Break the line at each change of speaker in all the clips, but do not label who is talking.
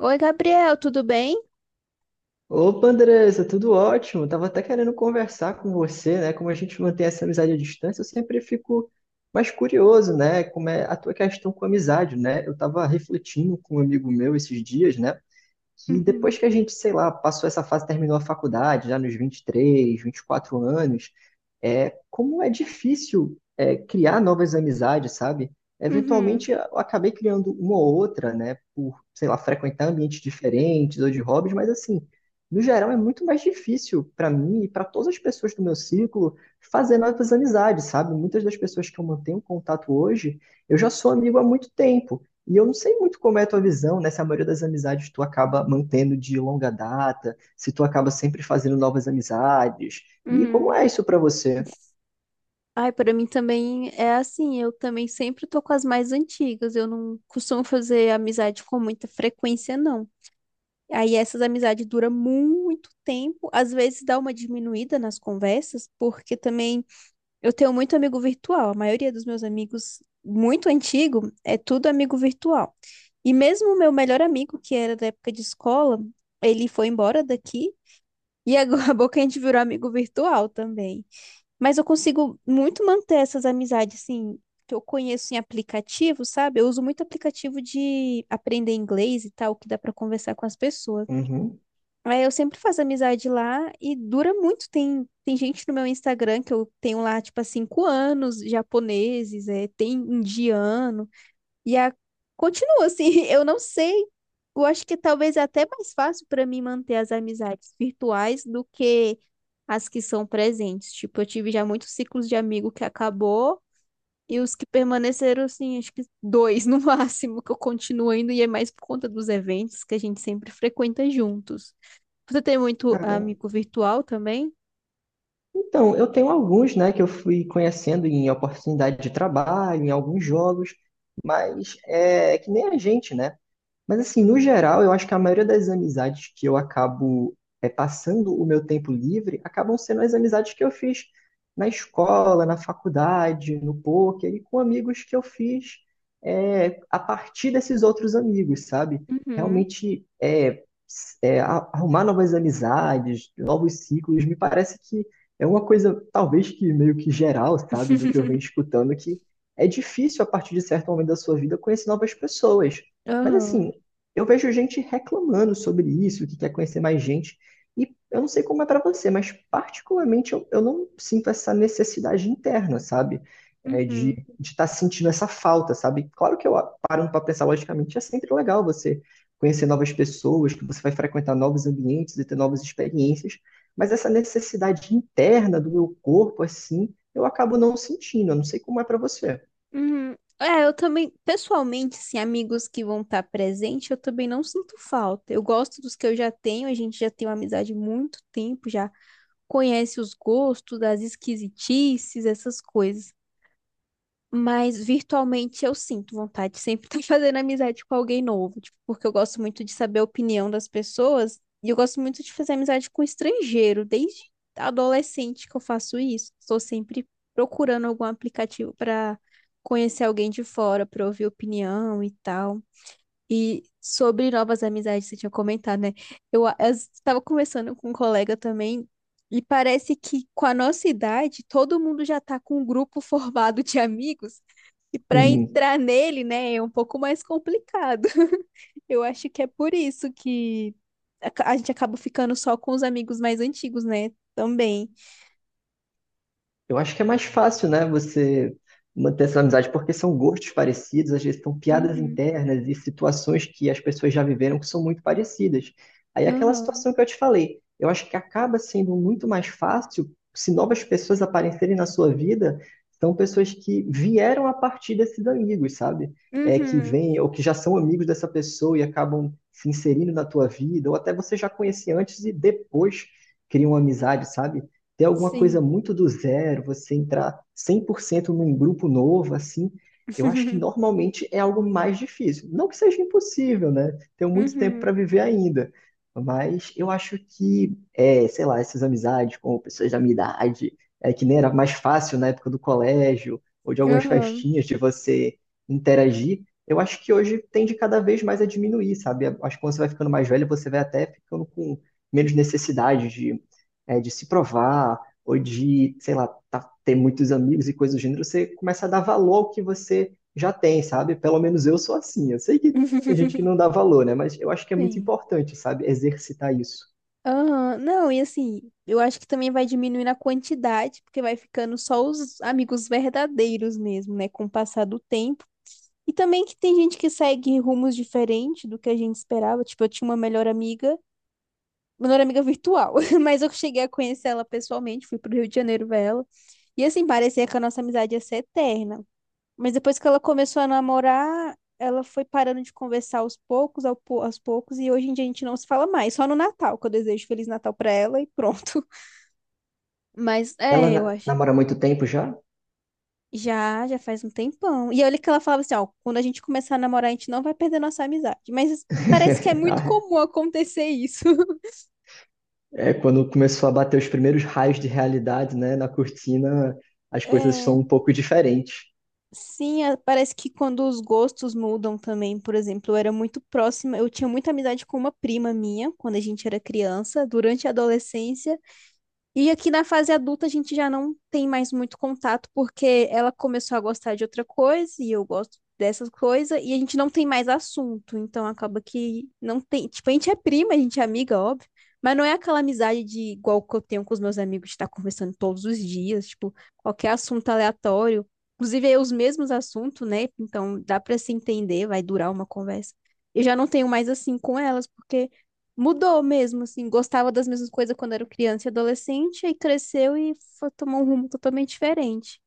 Oi, Gabriel, tudo bem?
Opa, Andressa, tudo ótimo. Tava até querendo conversar com você, né? Como a gente mantém essa amizade à distância, eu sempre fico mais curioso, né? Como é a tua questão com a amizade, né? Eu tava refletindo com um amigo meu esses dias, né? Que depois
Uhum,
que a gente, sei lá, passou essa fase, terminou a faculdade, já nos vinte e três, 24 anos, é, como é difícil é, criar novas amizades, sabe?
uhum,
Eventualmente eu acabei criando uma ou outra, né, por, sei lá, frequentar ambientes diferentes ou de hobbies, mas assim, no geral é muito mais difícil para mim e para todas as pessoas do meu círculo fazer novas amizades, sabe? Muitas das pessoas que eu mantenho contato hoje, eu já sou amigo há muito tempo. E eu não sei muito como é a tua visão, né? Se a maioria das amizades tu acaba mantendo de longa data, se tu acaba sempre fazendo novas amizades. E como
uhum.
é isso pra você?
Ai, para mim também é assim, eu também sempre tô com as mais antigas, eu não costumo fazer amizade com muita frequência, não. Aí essas amizades duram muito tempo, às vezes dá uma diminuída nas conversas, porque também eu tenho muito amigo virtual, a maioria dos meus amigos muito antigo é tudo amigo virtual. E mesmo o meu melhor amigo, que era da época de escola, ele foi embora daqui. E agora acabou que a gente virou amigo virtual também. Mas eu consigo muito manter essas amizades, assim, que eu conheço em aplicativo, sabe? Eu uso muito aplicativo de aprender inglês e tal, que dá pra conversar com as pessoas.
Uhum.
Aí eu sempre faço amizade lá e dura muito. Tem gente no meu Instagram que eu tenho lá, tipo, há 5 anos, japoneses, é, tem indiano. E a... continua assim, eu não sei. Eu acho que talvez é até mais fácil para mim manter as amizades virtuais do que as que são presentes. Tipo, eu tive já muitos ciclos de amigo que acabou e os que permaneceram, assim, acho que 2 no máximo, que eu continuo indo e é mais por conta dos eventos que a gente sempre frequenta juntos. Você tem muito
Caramba.
amigo virtual também?
Então, eu tenho alguns, né, que eu fui conhecendo em oportunidade de trabalho, em alguns jogos, mas é que nem a gente, né? Mas assim, no geral, eu acho que a maioria das amizades que eu acabo é, passando o meu tempo livre acabam sendo as amizades que eu fiz na escola, na faculdade, no poker e com amigos que eu fiz é, a partir desses outros amigos, sabe?
Uhum.
Realmente é, é, arrumar novas amizades, novos ciclos, me parece que é uma coisa talvez que meio que geral, sabe? Do que eu venho escutando que é difícil a partir de certo momento da sua vida conhecer novas pessoas. Mas
Aham.
assim, eu vejo gente reclamando sobre isso, que quer conhecer mais gente. E eu não sei como é para você, mas particularmente eu não sinto essa necessidade interna, sabe? É,
Uhum.
de estar sentindo essa falta, sabe? Claro que eu parando para pensar logicamente, é sempre legal você conhecer novas pessoas, que você vai frequentar novos ambientes e ter novas experiências, mas essa necessidade interna do meu corpo, assim, eu acabo não sentindo. Eu não sei como é para você.
Uhum. É, eu também, pessoalmente, assim, amigos que vão estar presente, eu também não sinto falta. Eu gosto dos que eu já tenho, a gente já tem uma amizade há muito tempo, já conhece os gostos, as esquisitices, essas coisas. Mas virtualmente eu sinto vontade de sempre estar fazendo amizade com alguém novo, tipo, porque eu gosto muito de saber a opinião das pessoas e eu gosto muito de fazer amizade com estrangeiro, desde adolescente que eu faço isso. Estou sempre procurando algum aplicativo para conhecer alguém de fora, para ouvir opinião e tal. E sobre novas amizades, você tinha comentado, né? Eu estava conversando com um colega também, e parece que com a nossa idade, todo mundo já está com um grupo formado de amigos, e para entrar nele, né, é um pouco mais complicado. Eu acho que é por isso que a gente acaba ficando só com os amigos mais antigos, né? Também.
Eu acho que é mais fácil, né, você manter essa amizade, porque são gostos parecidos, às vezes são piadas
Uhum.
internas e situações que as pessoas já viveram que são muito parecidas. Aí é aquela
Aham.
situação que eu te falei, eu acho que acaba sendo muito mais fácil se novas pessoas aparecerem na sua vida, são pessoas que vieram a partir desses amigos, sabe? É, que
Uhum.
vêm ou que já são amigos dessa pessoa e acabam se inserindo na tua vida, ou até você já conhecia antes e depois criam uma amizade, sabe? Ter alguma coisa
Sim.
muito do zero, você entrar 100% num grupo novo, assim, eu acho que normalmente é algo mais difícil. Não que seja impossível, né? Tenho muito tempo para
Uhum.
viver ainda. Mas eu acho que, é, sei lá, essas amizades com pessoas da minha idade, é, que nem era mais fácil na época do colégio, ou de algumas
Aham.
festinhas, de você interagir, eu acho que hoje tende cada vez mais a diminuir, sabe? Acho que quando você vai ficando mais velho, você vai até ficando com menos necessidade de é, de se provar, ou de, sei lá, ter muitos amigos e coisas do gênero, você começa a dar valor ao que você já tem, sabe? Pelo menos eu sou assim. Eu sei que tem gente que não dá valor, né? Mas eu acho que é muito
Sim.
importante, sabe? Exercitar isso.
Aham, não, e assim, eu acho que também vai diminuindo a quantidade, porque vai ficando só os amigos verdadeiros mesmo, né, com o passar do tempo. E também que tem gente que segue rumos diferentes do que a gente esperava. Tipo, eu tinha uma melhor amiga virtual, mas eu cheguei a conhecer ela pessoalmente, fui pro Rio de Janeiro ver ela. E assim, parecia que a nossa amizade ia ser eterna. Mas depois que ela começou a namorar, ela foi parando de conversar aos poucos, aos poucos, e hoje em dia a gente não se fala mais, só no Natal, que eu desejo Feliz Natal pra ela e pronto. Mas
Ela
é, eu acho.
namora há muito tempo já?
Já, já faz um tempão. E olha que ela falava assim, ó, quando a gente começar a namorar, a gente não vai perder nossa amizade. Mas parece que é muito
Ah,
comum acontecer isso.
é, quando começou a bater os primeiros raios de realidade, né, na cortina, as coisas
É,
são um pouco diferentes.
sim, parece que quando os gostos mudam também, por exemplo, eu era muito próxima, eu tinha muita amizade com uma prima minha, quando a gente era criança, durante a adolescência. E aqui na fase adulta a gente já não tem mais muito contato porque ela começou a gostar de outra coisa e eu gosto dessas coisas e a gente não tem mais assunto, então acaba que não tem, tipo, a gente é prima, a gente é amiga, óbvio, mas não é aquela amizade de igual que eu tenho com os meus amigos de estar conversando todos os dias, tipo, qualquer assunto aleatório, inclusive é os mesmos assuntos, né? Então dá para se entender, vai durar uma conversa. Eu já não tenho mais assim com elas porque mudou mesmo, assim, gostava das mesmas coisas quando era criança e adolescente, aí cresceu e foi tomar um rumo totalmente diferente.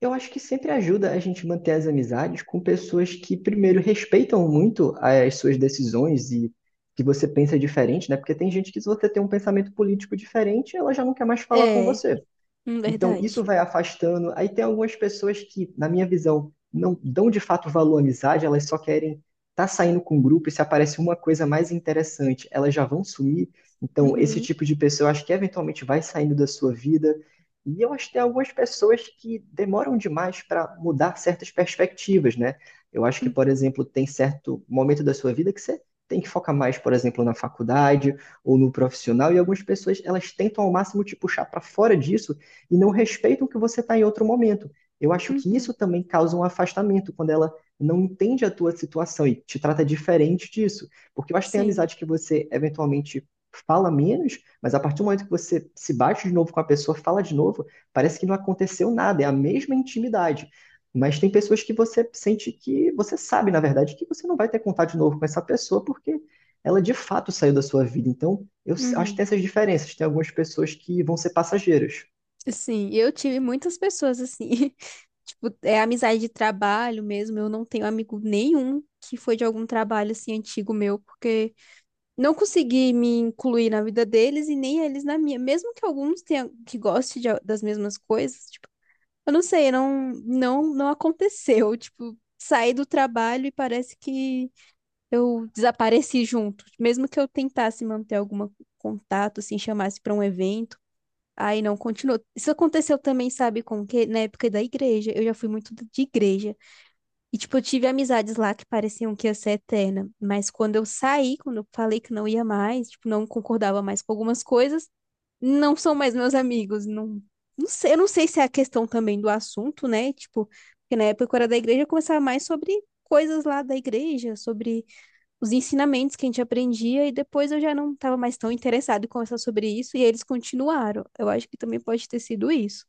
Eu acho que sempre ajuda a gente manter as amizades com pessoas que, primeiro, respeitam muito as suas decisões e que você pensa diferente, né? Porque tem gente que, se você tem um pensamento político diferente, ela já não quer mais falar com
É,
você. Então,
verdade.
isso vai afastando. Aí tem algumas pessoas que, na minha visão, não dão de fato valor à amizade, elas só querem estar tá saindo com o grupo e se aparece uma coisa mais interessante, elas já vão sumir. Então, esse
Uhum,
tipo de pessoa, eu acho que eventualmente vai saindo da sua vida. E eu acho que tem algumas pessoas que demoram demais para mudar certas perspectivas, né? Eu acho que,
uhum,
por exemplo, tem certo momento da sua vida que você tem que focar mais, por exemplo, na faculdade ou no profissional, e algumas pessoas elas tentam ao máximo te puxar para fora disso e não respeitam que você está em outro momento. Eu acho que isso
uhum,
também causa um afastamento quando ela não entende a tua situação e te trata diferente disso. Porque eu acho que tem
sim,
amizade que você eventualmente fala menos, mas a partir do momento que você se bate de novo com a pessoa, fala de novo, parece que não aconteceu nada, é a mesma intimidade. Mas tem pessoas que você sente que você sabe, na verdade, que você não vai ter contato de novo com essa pessoa porque ela de fato saiu da sua vida. Então, eu acho que
uhum.
tem essas diferenças. Tem algumas pessoas que vão ser passageiras.
Sim, eu tive muitas pessoas assim, tipo, é amizade de trabalho mesmo, eu não tenho amigo nenhum que foi de algum trabalho assim antigo meu, porque não consegui me incluir na vida deles e nem eles na minha, mesmo que alguns tenham que goste de das mesmas coisas. Eu não sei, não, não aconteceu. Tipo, saí do trabalho e parece que eu desapareci junto. Mesmo que eu tentasse manter algum contato, assim, chamasse para um evento, aí não continuou. Isso aconteceu também, sabe, com que na época da igreja, eu já fui muito de igreja. E, tipo, eu tive amizades lá que pareciam que ia ser eterna. Mas quando eu saí, quando eu falei que não ia mais, tipo, não concordava mais com algumas coisas, não são mais meus amigos, não, não sei, eu não sei se é a questão também do assunto, né? Tipo, porque na época que eu era da igreja, eu conversava mais sobre coisas lá da igreja, sobre os ensinamentos que a gente aprendia, e depois eu já não estava mais tão interessado em conversar sobre isso, e eles continuaram. Eu acho que também pode ter sido isso.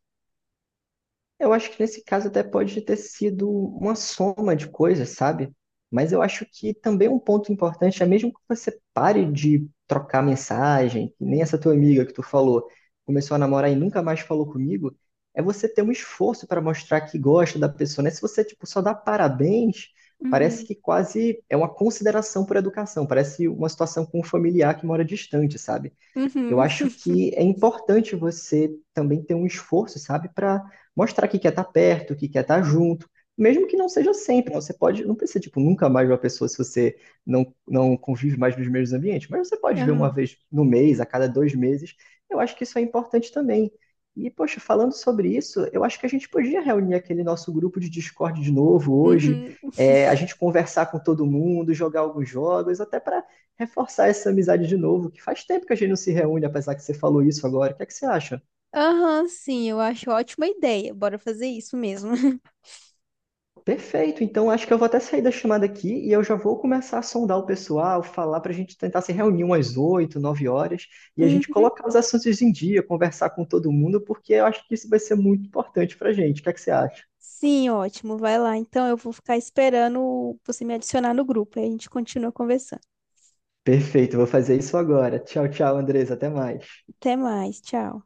Eu acho que nesse caso até pode ter sido uma soma de coisas, sabe? Mas eu acho que também um ponto importante é mesmo que você pare de trocar mensagem, que nem essa tua amiga que tu falou, começou a namorar e nunca mais falou comigo, é você ter um esforço para mostrar que gosta da pessoa, né? Se você, tipo, só dá parabéns, parece
Uhum.
que quase é uma consideração por educação, parece uma situação com um familiar que mora distante, sabe? Eu
Uhum.
acho que é importante você também ter um esforço, sabe, para mostrar que quer estar perto, que quer estar junto, mesmo que não seja sempre. Né? Você pode, não precisa, tipo, nunca mais ver uma pessoa se você não convive mais nos mesmos ambientes, mas você pode ver uma
Aham.
vez no mês, a cada 2 meses. Eu acho que isso é importante também. E, poxa, falando sobre isso, eu acho que a gente podia reunir aquele nosso grupo de Discord de novo hoje,
Uhum.
é, a gente conversar com todo mundo, jogar alguns jogos, até para reforçar essa amizade de novo, que faz tempo que a gente não se reúne, apesar que você falou isso agora. O que é que você acha?
Aham, sim, eu acho ótima ideia. Bora fazer isso mesmo.
Perfeito, então acho que eu vou até sair da chamada aqui e eu já vou começar a sondar o pessoal, falar para a gente tentar se reunir umas 8 9 horas e a gente
Uhum.
colocar os assuntos em dia, conversar com todo mundo, porque eu acho que isso vai ser muito importante para a gente. O que é que você acha?
Sim, ótimo. Vai lá. Então, eu vou ficar esperando você me adicionar no grupo. Aí a gente continua conversando.
Perfeito, vou fazer isso agora. Tchau, tchau, Andresa, até mais.
Até mais. Tchau.